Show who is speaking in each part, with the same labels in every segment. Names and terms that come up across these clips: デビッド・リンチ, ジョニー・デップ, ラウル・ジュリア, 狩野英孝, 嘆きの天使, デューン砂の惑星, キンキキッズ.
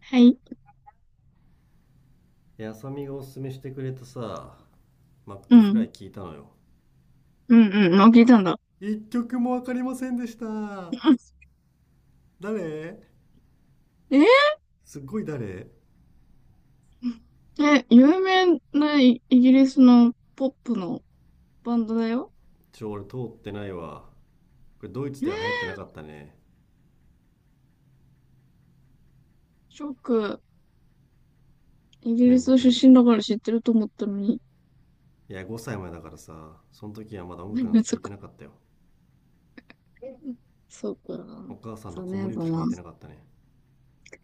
Speaker 1: はい。
Speaker 2: あさみがおすすめしてくれたマッ
Speaker 1: う
Speaker 2: クフラ
Speaker 1: ん。
Speaker 2: イ聞いたのよ。
Speaker 1: うんうん。あ、聞いたんだ。
Speaker 2: 一曲もわかりませんでした。誰、
Speaker 1: うん
Speaker 2: すっごい誰。
Speaker 1: ええ、有名なイイギリスのポップのバンドだよ。
Speaker 2: 俺通ってないわ。これドイツ
Speaker 1: え
Speaker 2: で
Speaker 1: ー、
Speaker 2: は流行ってなかったね。
Speaker 1: ショック。イギ
Speaker 2: 面
Speaker 1: リス
Speaker 2: 目
Speaker 1: 出
Speaker 2: に。い
Speaker 1: 身だから知ってると思ったのに。
Speaker 2: や、5歳前だからその時はまだ 音楽なんて
Speaker 1: 難
Speaker 2: 聞
Speaker 1: し
Speaker 2: いて
Speaker 1: か。
Speaker 2: なかったよ。
Speaker 1: そうか。
Speaker 2: お母さんの
Speaker 1: 残
Speaker 2: 子
Speaker 1: 念
Speaker 2: 守
Speaker 1: だ
Speaker 2: 歌しか聞
Speaker 1: な。
Speaker 2: いてなかったね。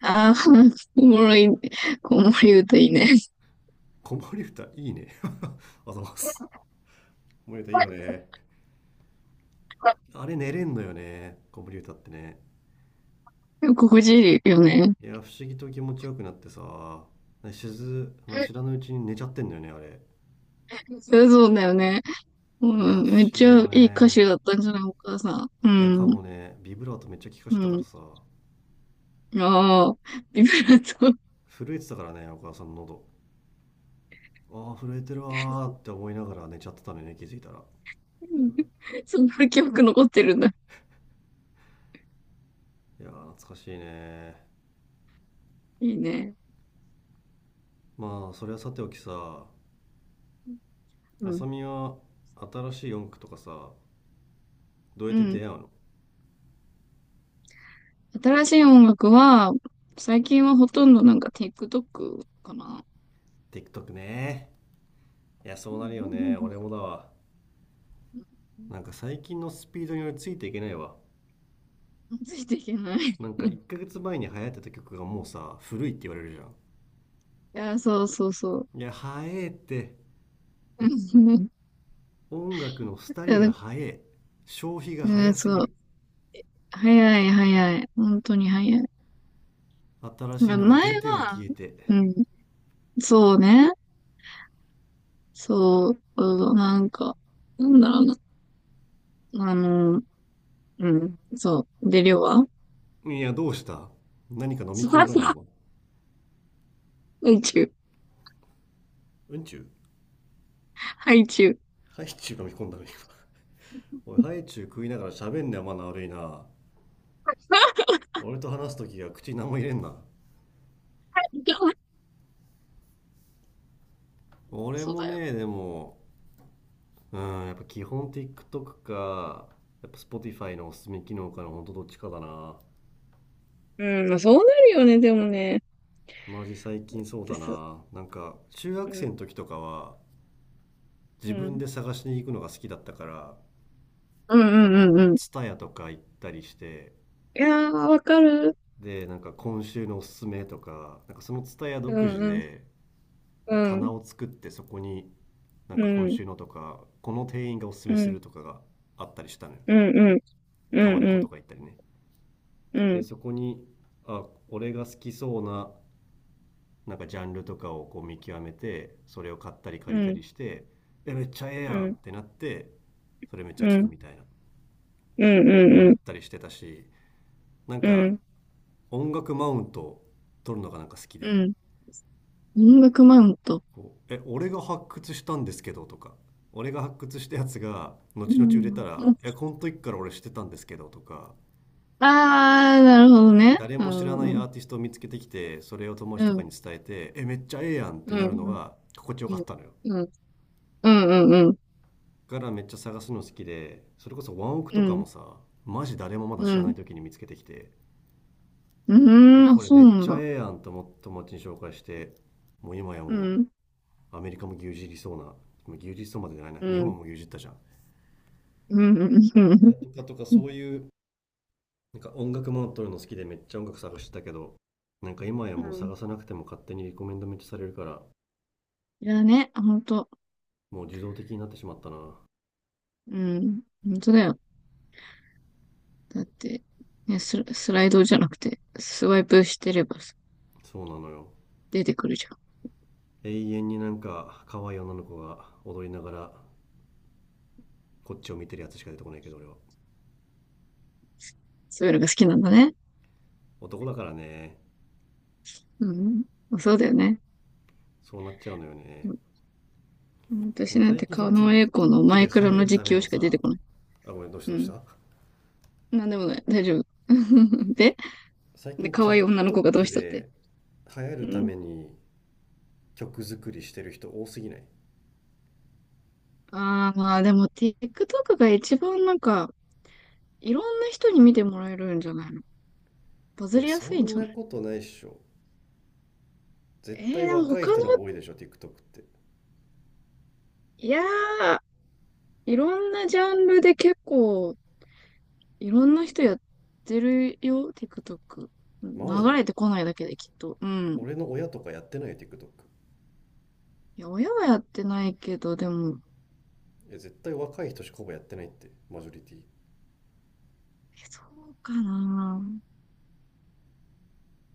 Speaker 1: ああ、おもろい、おもろい歌いいね。
Speaker 2: 子守歌いいね。あざます。子守歌いいよ ね。あれ寝れんのよね、子守歌ってね。
Speaker 1: 心地いいよね。
Speaker 2: いや、不思議と気持ちよくなってさ、しず、あの知らぬうちに寝ちゃってんだよね、あれ。
Speaker 1: そうそうだよね。う
Speaker 2: いや、不思
Speaker 1: ん、めっち
Speaker 2: 議だ
Speaker 1: ゃ
Speaker 2: よ
Speaker 1: いい歌
Speaker 2: ね。
Speaker 1: 手だったんじゃないお母さん。う
Speaker 2: いや、か
Speaker 1: ん、
Speaker 2: もね、ビブラートめっちゃ効かし
Speaker 1: う
Speaker 2: てたから
Speaker 1: ん。
Speaker 2: 、
Speaker 1: ああ、ビブラート。
Speaker 2: 震えてたからね、お母さんの喉。ああ、震えてるわーって思いながら寝ちゃってたのよね、気づいたら。
Speaker 1: そんな記憶残ってるんだ。
Speaker 2: いやー、懐かしいね。
Speaker 1: いいね。
Speaker 2: まあ、それはさておき、
Speaker 1: う
Speaker 2: あさ
Speaker 1: ん。
Speaker 2: みは新しい音楽とか、どうやっ
Speaker 1: う
Speaker 2: て出
Speaker 1: ん。
Speaker 2: 会うの？
Speaker 1: 新しい音楽は、最近はほとんどなんか TikTok かな。
Speaker 2: TikTok ね。いや、
Speaker 1: う
Speaker 2: そうなるよね。
Speaker 1: ん
Speaker 2: 俺もだわ。なんか最近のスピードに俺ついていけないわ。
Speaker 1: ついていけない。
Speaker 2: なん
Speaker 1: い
Speaker 2: か1ヶ月前に流行ってた曲がもう古いって言われるじゃん。
Speaker 1: や、そうそうそう。
Speaker 2: いや早えって。
Speaker 1: うんい
Speaker 2: 音楽の廃
Speaker 1: や
Speaker 2: り
Speaker 1: だ
Speaker 2: が早え。消費が
Speaker 1: う
Speaker 2: 早
Speaker 1: ん
Speaker 2: すぎ
Speaker 1: そう。
Speaker 2: る。
Speaker 1: 早い早い。本当に早い。
Speaker 2: 新
Speaker 1: な
Speaker 2: しい
Speaker 1: ん
Speaker 2: の
Speaker 1: か
Speaker 2: が
Speaker 1: 前
Speaker 2: 出ては消
Speaker 1: は、
Speaker 2: えて。
Speaker 1: うん、そうね。そう、うんなんか、なんだろうな。うん。そう。で、量は
Speaker 2: いやどうした、何か飲み
Speaker 1: そう
Speaker 2: 込ん
Speaker 1: だ
Speaker 2: だな
Speaker 1: な。
Speaker 2: 今。
Speaker 1: ハイチュウ。
Speaker 2: うんちゅう、
Speaker 1: ハイチュウ。
Speaker 2: ハイチュウ飲み込んだな今。おい、ハイチュウ食いながら喋んねん、マナー悪いな。俺と話す時は口に何も入れんな。俺
Speaker 1: そう
Speaker 2: も
Speaker 1: だよ。
Speaker 2: ねでも、うんやっぱ基本 TikTok か、やっぱ Spotify のおすすめ機能かのほんとどっちかだな。
Speaker 1: うん、まあ、そうなるよね、でもね。っ
Speaker 2: マジ最近そう
Speaker 1: て
Speaker 2: だ
Speaker 1: さ、
Speaker 2: な。なんか中学
Speaker 1: う
Speaker 2: 生
Speaker 1: ん、
Speaker 2: の時とかは
Speaker 1: う
Speaker 2: 自分
Speaker 1: ん。
Speaker 2: で探しに行くのが好きだったから、
Speaker 1: うん
Speaker 2: あ
Speaker 1: うんう
Speaker 2: の
Speaker 1: んうん。い
Speaker 2: ツタヤとか行ったりして、
Speaker 1: やー、わかる。
Speaker 2: でなんか今週のおすすめとかなんかそのツタヤ
Speaker 1: う
Speaker 2: 独
Speaker 1: ん、
Speaker 2: 自
Speaker 1: うん、
Speaker 2: で
Speaker 1: うん、
Speaker 2: 棚を作って、そこになん
Speaker 1: う
Speaker 2: か今
Speaker 1: ん、
Speaker 2: 週のとかこの店員がおすす
Speaker 1: う
Speaker 2: めす
Speaker 1: ん、
Speaker 2: るとかがあったりしたのよ。
Speaker 1: うん、うん、う
Speaker 2: タワ
Speaker 1: ん、
Speaker 2: レ
Speaker 1: う
Speaker 2: コと
Speaker 1: ん、
Speaker 2: か行ったりね。
Speaker 1: う
Speaker 2: で
Speaker 1: ん、
Speaker 2: そこに、あ、俺が好きそうななんかジャンルとかをこう見極めて、それを買ったり
Speaker 1: う
Speaker 2: 借り
Speaker 1: ん、
Speaker 2: た
Speaker 1: うん、
Speaker 2: りして、えめっちゃええや
Speaker 1: う
Speaker 2: んっ
Speaker 1: ん、
Speaker 2: てなって、それめっちゃ
Speaker 1: う
Speaker 2: 聞く
Speaker 1: ん、
Speaker 2: みたいな
Speaker 1: う
Speaker 2: のをや
Speaker 1: ん、
Speaker 2: ったりしてたし、なん
Speaker 1: う
Speaker 2: か
Speaker 1: ん。
Speaker 2: 音楽マウント取るのがなんか好き
Speaker 1: う
Speaker 2: で、「
Speaker 1: ん。音楽マウント。
Speaker 2: こうえ俺が発掘したんですけど」とか「俺が発掘したやつが
Speaker 1: う
Speaker 2: 後々売れた
Speaker 1: ん。
Speaker 2: らえこの時から俺知ってたんですけど」とか、
Speaker 1: あー、なるほどね。
Speaker 2: 誰
Speaker 1: う
Speaker 2: も知ら
Speaker 1: ん、
Speaker 2: ない
Speaker 1: う
Speaker 2: ア
Speaker 1: ん、
Speaker 2: ーティストを見つけてきてそれを友
Speaker 1: う
Speaker 2: 達とか
Speaker 1: ん、
Speaker 2: に伝えて「えめっちゃええやん」って
Speaker 1: う
Speaker 2: な
Speaker 1: ん、
Speaker 2: るの
Speaker 1: うん、
Speaker 2: が心地よ
Speaker 1: う
Speaker 2: かったのよ。
Speaker 1: ん、うん、うん、
Speaker 2: からめっちゃ探すの好きで、それこそワンオク
Speaker 1: う
Speaker 2: とかも
Speaker 1: ん。
Speaker 2: マジ誰もまだ
Speaker 1: う
Speaker 2: 知らな
Speaker 1: ん。
Speaker 2: い時に見つけてきて、
Speaker 1: う
Speaker 2: え
Speaker 1: ーん、あ、
Speaker 2: これ
Speaker 1: そ
Speaker 2: め
Speaker 1: う
Speaker 2: っ
Speaker 1: なん
Speaker 2: ちゃ
Speaker 1: だ。
Speaker 2: ええやんと思って友達に紹介して、もう今や
Speaker 1: う
Speaker 2: も
Speaker 1: ん、
Speaker 2: うアメリカも牛耳りそうな、まあ牛耳りそうまでじゃないな、
Speaker 1: う
Speaker 2: 日本は
Speaker 1: ん、
Speaker 2: もう牛耳ったじゃん、
Speaker 1: うん、うん、う
Speaker 2: い
Speaker 1: ん。
Speaker 2: や、とか
Speaker 1: うん
Speaker 2: そういう。なんか音楽も撮るの好きでめっちゃ音楽探してたけど、なんか今や
Speaker 1: う
Speaker 2: もう
Speaker 1: ん
Speaker 2: 探さなくても勝手にリコメンドめっちゃされるから、
Speaker 1: いやね、あほんと。
Speaker 2: もう自動的になってしまったな。
Speaker 1: うん、ほんとだよ。だって、ね、スラ、スライドじゃなくて、スワイプしてればさ
Speaker 2: そうなのよ。
Speaker 1: 出てくるじゃん。
Speaker 2: 永遠になんか可愛い女の子が踊りながらこっちを見てるやつしか出てこないけど俺は、
Speaker 1: そういうのが好きなんだね。
Speaker 2: 男だからね、
Speaker 1: うん、あそうだよね。
Speaker 2: そうなっちゃうのよ
Speaker 1: う
Speaker 2: ね。
Speaker 1: ん私なん
Speaker 2: 最
Speaker 1: て
Speaker 2: 近その
Speaker 1: 狩野英孝の
Speaker 2: TikTok
Speaker 1: マ
Speaker 2: で
Speaker 1: イ
Speaker 2: 流
Speaker 1: ク
Speaker 2: 行
Speaker 1: ラの
Speaker 2: るた
Speaker 1: 実
Speaker 2: め
Speaker 1: 況
Speaker 2: の
Speaker 1: しか出
Speaker 2: 、
Speaker 1: てこない。
Speaker 2: あ、ごめん、どうした
Speaker 1: う
Speaker 2: どうし
Speaker 1: ん。
Speaker 2: た。
Speaker 1: なんでもない。大丈夫。で、
Speaker 2: 最
Speaker 1: で、
Speaker 2: 近
Speaker 1: 可愛い女の子がどう
Speaker 2: TikTok
Speaker 1: したって。
Speaker 2: で流行
Speaker 1: う
Speaker 2: るた
Speaker 1: ん。
Speaker 2: めに曲作りしてる人多すぎない？
Speaker 1: ああ、まあでも TikTok が一番なんか、いろんな人に見てもらえるんじゃないの？バズ
Speaker 2: え、
Speaker 1: りや
Speaker 2: そ
Speaker 1: すいん
Speaker 2: ん
Speaker 1: じゃ
Speaker 2: な
Speaker 1: ない？
Speaker 2: ことないっしょ。絶対
Speaker 1: でも
Speaker 2: 若い
Speaker 1: 他の、
Speaker 2: 人の方が多いでしょ、TikTok って。
Speaker 1: いやー、いろんなジャンルで結構、いろんな人やってるよ、TikTok。
Speaker 2: マ
Speaker 1: 流
Speaker 2: ジ。
Speaker 1: れてこないだけできっと。うん。
Speaker 2: 俺の親とかやってないよ、TikTok。
Speaker 1: いや、親はやってないけど、でも、
Speaker 2: え、絶対若い人しかほぼやってないって、マジョリティ。
Speaker 1: え、そうかな。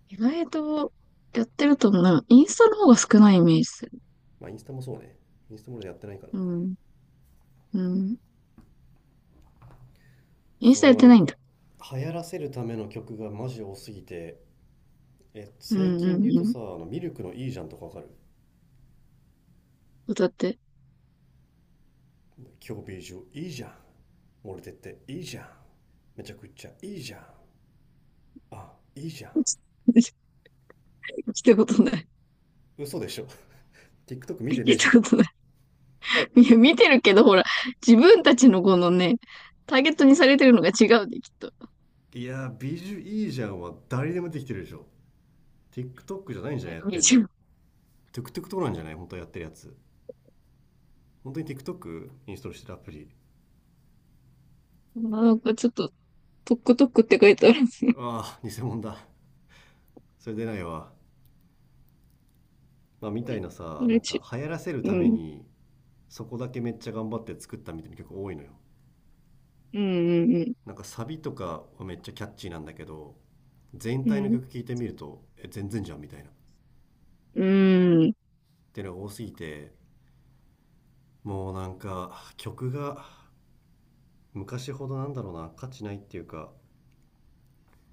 Speaker 1: 意外とやってると思う。なんかインスタの方が少ないイメージする。
Speaker 2: まあ、インスタもそうね。インスタも俺やってないからな。
Speaker 1: うん。うん。イン
Speaker 2: そ
Speaker 1: スタやっ
Speaker 2: う、な
Speaker 1: てな
Speaker 2: ん
Speaker 1: いん
Speaker 2: か、
Speaker 1: だ。
Speaker 2: 流行らせるための曲がマジ多すぎて、え、
Speaker 1: う
Speaker 2: 最
Speaker 1: ん
Speaker 2: 近
Speaker 1: う
Speaker 2: で言う
Speaker 1: んう
Speaker 2: と
Speaker 1: ん。
Speaker 2: 、あのミルクのいいじゃんとかわかる？
Speaker 1: 歌って。
Speaker 2: 今日ビージュいいじゃん。漏れてっていいじゃん。めちゃくちゃいいじゃん。あ、いいじゃん。
Speaker 1: 聞たことない。
Speaker 2: 嘘でしょ。TikTok 見
Speaker 1: 聞
Speaker 2: てねえ
Speaker 1: い
Speaker 2: じゃ
Speaker 1: た
Speaker 2: ん。
Speaker 1: ことない。いや、見てるけど、ほら、自分たちのこのね、ターゲットにされてるのが違うんで、きっと。
Speaker 2: いやー、ビジュいいじゃんは誰でもできてるでしょ。TikTok じゃないんじゃ
Speaker 1: ね、
Speaker 2: ないやっ
Speaker 1: 見
Speaker 2: てんの。
Speaker 1: ちゃう。
Speaker 2: TikTok とかなんじゃない本当はやってるやつ。本当に TikTok インストールしてるアプリ。
Speaker 1: あーなんかちょっと、トックトックって書いてあるんですね。
Speaker 2: ああ、偽物だ。それ出ないわ。まあ、みたいな
Speaker 1: あ
Speaker 2: 、な
Speaker 1: れ
Speaker 2: んか
Speaker 1: ち、
Speaker 2: 流行らせる
Speaker 1: う
Speaker 2: ため
Speaker 1: ん。
Speaker 2: にそこだけめっちゃ頑張って作ったみたいな曲多いのよ。
Speaker 1: うん、うん、
Speaker 2: なんかサビとかはめっちゃキャッチーなんだけど、全
Speaker 1: う
Speaker 2: 体の
Speaker 1: ん。
Speaker 2: 曲聴いてみるとえ全然じゃんみたいなっ
Speaker 1: うん、うん。
Speaker 2: ていうのが多すぎて、もうなんか曲が昔ほど、なんだろうな、価値ないっていうか、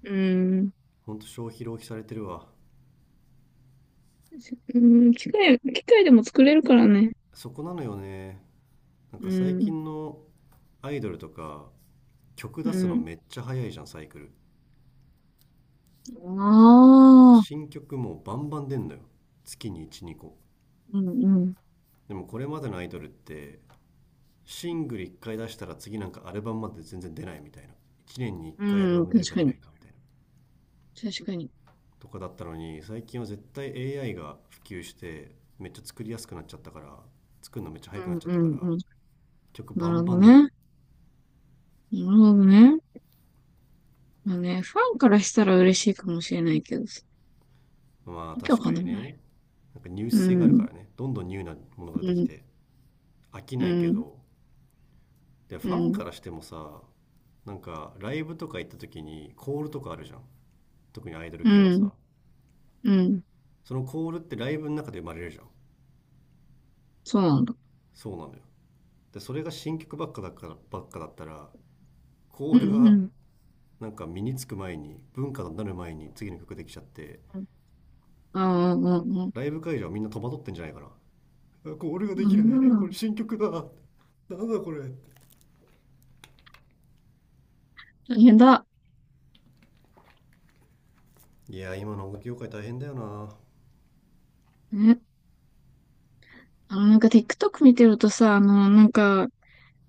Speaker 1: うん
Speaker 2: ほんと消費浪費されてるわ。
Speaker 1: うん機械、機械でも作れるからね。
Speaker 2: そこなのよね。なん
Speaker 1: う
Speaker 2: か最
Speaker 1: ん、
Speaker 2: 近のアイドルとか、曲
Speaker 1: う
Speaker 2: 出すの
Speaker 1: ん。
Speaker 2: めっちゃ早いじゃんサイクル。
Speaker 1: ああ、
Speaker 2: 新曲もうバンバン出んのよ、月に12個。
Speaker 1: うん、うん。
Speaker 2: でもこれまでのアイドルって、シングル1回出したら次なんかアルバムまで全然出ないみたいな、1年に1回アル
Speaker 1: う
Speaker 2: バ
Speaker 1: ん、
Speaker 2: ム出
Speaker 1: 確
Speaker 2: るか
Speaker 1: か
Speaker 2: 出な
Speaker 1: に。
Speaker 2: いかみたいな、
Speaker 1: 確かに。
Speaker 2: とかだったのに、最近は絶対 AI が普及してめっちゃ作りやすくなっちゃったから、作るのめっちゃ
Speaker 1: う
Speaker 2: 早くな
Speaker 1: ん、
Speaker 2: っちゃっ
Speaker 1: う
Speaker 2: たから、
Speaker 1: ん、うん。
Speaker 2: 曲
Speaker 1: な
Speaker 2: バ
Speaker 1: る
Speaker 2: ン
Speaker 1: ほ
Speaker 2: バ
Speaker 1: ど
Speaker 2: ン出る。
Speaker 1: ね。なるほどね。まあね、ファンからしたら嬉しいかもしれないけど
Speaker 2: まあ
Speaker 1: 訳わ
Speaker 2: 確か
Speaker 1: か
Speaker 2: に
Speaker 1: んない。
Speaker 2: ね、なんかニュー
Speaker 1: う
Speaker 2: ス性があるか
Speaker 1: ん、
Speaker 2: らね、どんどんニューなものが出
Speaker 1: う
Speaker 2: てき
Speaker 1: ん、
Speaker 2: て飽き
Speaker 1: う
Speaker 2: ないけ
Speaker 1: ん、
Speaker 2: ど。で
Speaker 1: う
Speaker 2: ファン
Speaker 1: ん、
Speaker 2: からしてもなんかライブとか行った時にコールとかあるじゃん、特にアイドル
Speaker 1: う
Speaker 2: 系は
Speaker 1: ん、うん、
Speaker 2: そのコールってライブの中で生まれるじゃん。
Speaker 1: そうなんだ。
Speaker 2: そうなのよ。でそれが新曲ばっかだったらコ
Speaker 1: う
Speaker 2: ール
Speaker 1: ん、う
Speaker 2: が
Speaker 1: ん、
Speaker 2: なんか身につく前に文化になる前に次の曲できちゃって、
Speaker 1: うん、うん、うん、うん、
Speaker 2: ライブ会場はみんな戸惑ってんじゃないかな。コールがで
Speaker 1: う
Speaker 2: きない、こ
Speaker 1: ん、
Speaker 2: れ新曲だ、なんだこれ。
Speaker 1: 大変だ。
Speaker 2: いや、今の音楽業界大変だよな。
Speaker 1: ね、なんか TikTok 見てるとさ、なんか、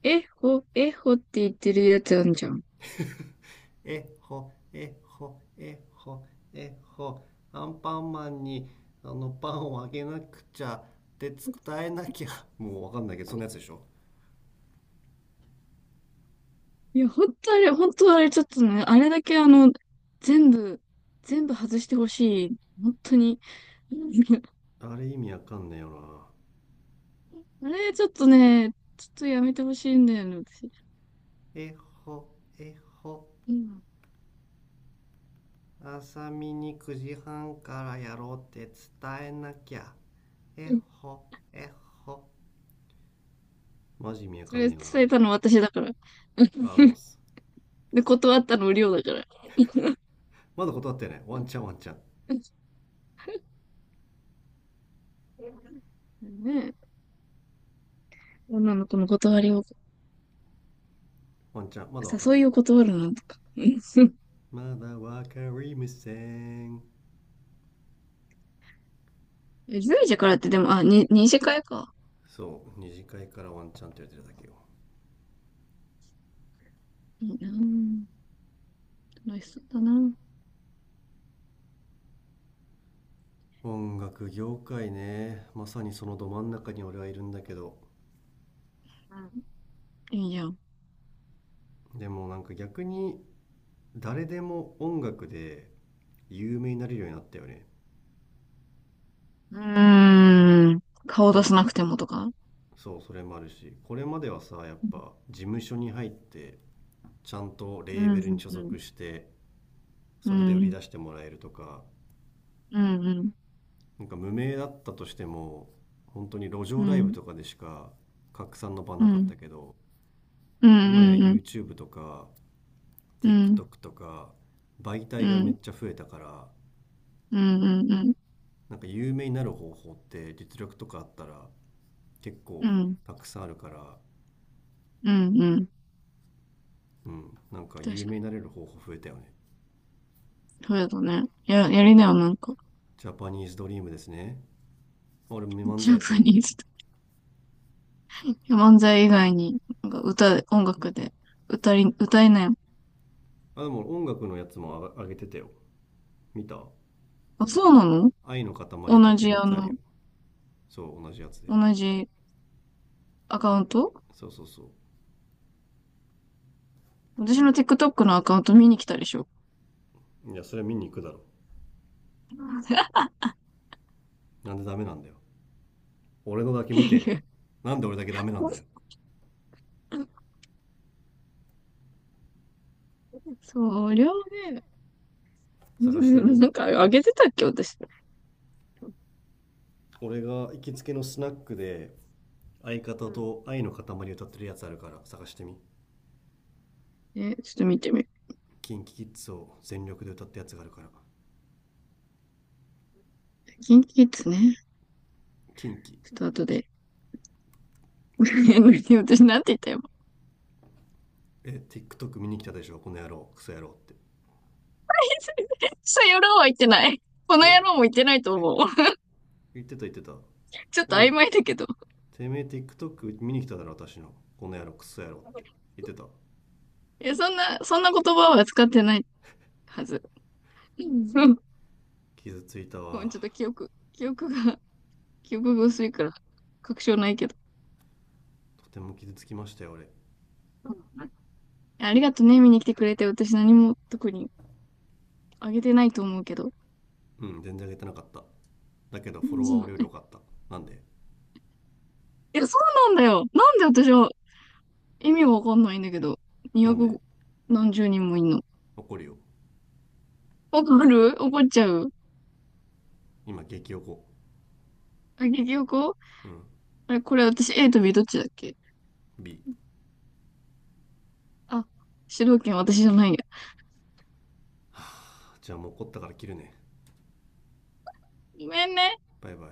Speaker 1: えほ、えほって言ってるやつあるじゃん。
Speaker 2: えほ、えほ、えほ、えほ、アンパンマンに、あのパンをあげなくちゃって伝えなきゃ。もうわかんないけどそんなやつでしょ。
Speaker 1: いや、ほんとあれ、ほんとあれ、ちょっとね、あれだけ全部、全部外してほしい。本当に。
Speaker 2: あれ意味わかんねえよな。
Speaker 1: あれ、ちょっとね、ちょっとやめてほしいんだよね、私。
Speaker 2: えほ、えほ、
Speaker 1: うん。
Speaker 2: 朝見に9時半からやろうって伝えなきゃ。えほ、えほ。マジ意味わ
Speaker 1: そ
Speaker 2: かん
Speaker 1: れ
Speaker 2: ねえよな、あ
Speaker 1: 伝え
Speaker 2: れ。
Speaker 1: たのは私だから、
Speaker 2: あ、あざます。
Speaker 1: 断ったのは梁だから
Speaker 2: まだ断ってね。ワンチャン、ワンチャン。
Speaker 1: ねえ。女の子の断りを
Speaker 2: ワンチャン、まだわかん
Speaker 1: 誘
Speaker 2: ない。
Speaker 1: いを断るなとかジェ
Speaker 2: まだわかりません。
Speaker 1: イジェイからって、でも…あ、認識会か？
Speaker 2: そう、二次会からワンチャンって言ってるだけよ。
Speaker 1: 楽しそうだなうん
Speaker 2: 音楽業界ね。まさにそのど真ん中に俺はいるんだけど。
Speaker 1: いいじゃん
Speaker 2: でもなんか逆に、誰でも音楽で有名になれるようになったよね。
Speaker 1: うーん顔を
Speaker 2: な
Speaker 1: 出
Speaker 2: ん
Speaker 1: せな
Speaker 2: か、
Speaker 1: くてもとか
Speaker 2: そうそれもあるし、これまではさ、やっ
Speaker 1: うん
Speaker 2: ぱ事務所に入ってちゃんとレー
Speaker 1: un
Speaker 2: ベルに所
Speaker 1: un
Speaker 2: 属してそれで売り
Speaker 1: un
Speaker 2: 出してもらえるとか、
Speaker 1: un
Speaker 2: なんか無名だったとしても本当に路上
Speaker 1: un
Speaker 2: ライブ
Speaker 1: un
Speaker 2: とかでしか拡散の場なかっ
Speaker 1: un
Speaker 2: たけど、今や
Speaker 1: un
Speaker 2: YouTube とか
Speaker 1: un un
Speaker 2: TikTok とか媒
Speaker 1: un
Speaker 2: 体がめっ
Speaker 1: un
Speaker 2: ちゃ増えたから、
Speaker 1: un un un
Speaker 2: なんか有名になる方法って実力とかあったら結
Speaker 1: un un un un un
Speaker 2: 構
Speaker 1: un un un un un
Speaker 2: たくさんあるから、
Speaker 1: un un un un un
Speaker 2: うん、なんか
Speaker 1: 確
Speaker 2: 有
Speaker 1: か
Speaker 2: 名にな
Speaker 1: に
Speaker 2: れる方法増えたよね。
Speaker 1: そうだね。や、やりなよ、なんか。
Speaker 2: ジャパニーズドリームですね。俺漫
Speaker 1: ジ
Speaker 2: 才
Speaker 1: ャ
Speaker 2: やって
Speaker 1: パ
Speaker 2: るん
Speaker 1: ニー
Speaker 2: で。
Speaker 1: ズとか。いや漫才以外に、なんか歌、音楽で、歌い、歌いなよ。
Speaker 2: あ、でも音楽のやつもあ上げてたよ。見た？
Speaker 1: あ、そうなの？
Speaker 2: 愛の塊歌っ
Speaker 1: 同
Speaker 2: て
Speaker 1: じ、
Speaker 2: るやつあるよ。そう、同じやつで。
Speaker 1: 同じアカウント？
Speaker 2: そうそうそ
Speaker 1: 私の TikTok のアカウント見に来たでしょ。
Speaker 2: う。いや、それ見に行くだろ。なんでダメなんだよ。俺のだけ見て。なんで俺だけダメなんだよ。
Speaker 1: そりゃあね、
Speaker 2: 探してみ。
Speaker 1: なんかあげてたっけ、私。
Speaker 2: 俺が行きつけのスナックで相
Speaker 1: う
Speaker 2: 方
Speaker 1: ん
Speaker 2: と愛の塊歌ってるやつあるから探してみ。
Speaker 1: え、ちょっと見てみる。
Speaker 2: キンキキッズを全力で歌ったやつがあるから。
Speaker 1: キンキキッズね。
Speaker 2: キンキ。
Speaker 1: ちょっと後で。私なんて言ったよ。
Speaker 2: え、TikTok 見に来たでしょ、この野郎、クソ野郎って。
Speaker 1: そやろうは言ってない。この
Speaker 2: え、
Speaker 1: 野郎も言ってないと思う。
Speaker 2: 言ってた言ってた。
Speaker 1: ちょっと
Speaker 2: おい、
Speaker 1: 曖昧だけど。
Speaker 2: てめえ TikTok 見に来ただろ私の、この野郎クソ野郎って言ってた。
Speaker 1: え、そんな、そんな言葉は使ってないはず。うん
Speaker 2: 傷ついた
Speaker 1: ごめ
Speaker 2: わ。
Speaker 1: ん、ちょっと記憶が、記憶が薄いから、確証ないけど。
Speaker 2: とても傷つきましたよ俺。
Speaker 1: うんありがとね、見に来てくれて。私何も特にあげてないと思うけど。
Speaker 2: うん、全然上げてなかった、だけど
Speaker 1: う
Speaker 2: フォ
Speaker 1: ん
Speaker 2: ロワー俺より良
Speaker 1: い
Speaker 2: かった。なんで？
Speaker 1: や、そうなんだよ。なんで私は意味がわかんないんだけど。
Speaker 2: なんで？
Speaker 1: 200何十人もいんの。
Speaker 2: 怒るよ。
Speaker 1: わかる怒っちゃう。
Speaker 2: 今激怒。
Speaker 1: あ、結局
Speaker 2: うん、
Speaker 1: あれ、これ私 A と B どっちだっけ？
Speaker 2: B。
Speaker 1: あ、主導権私じゃないや。
Speaker 2: じゃあもう怒ったから切るね。
Speaker 1: ごめんね。
Speaker 2: バイバイ。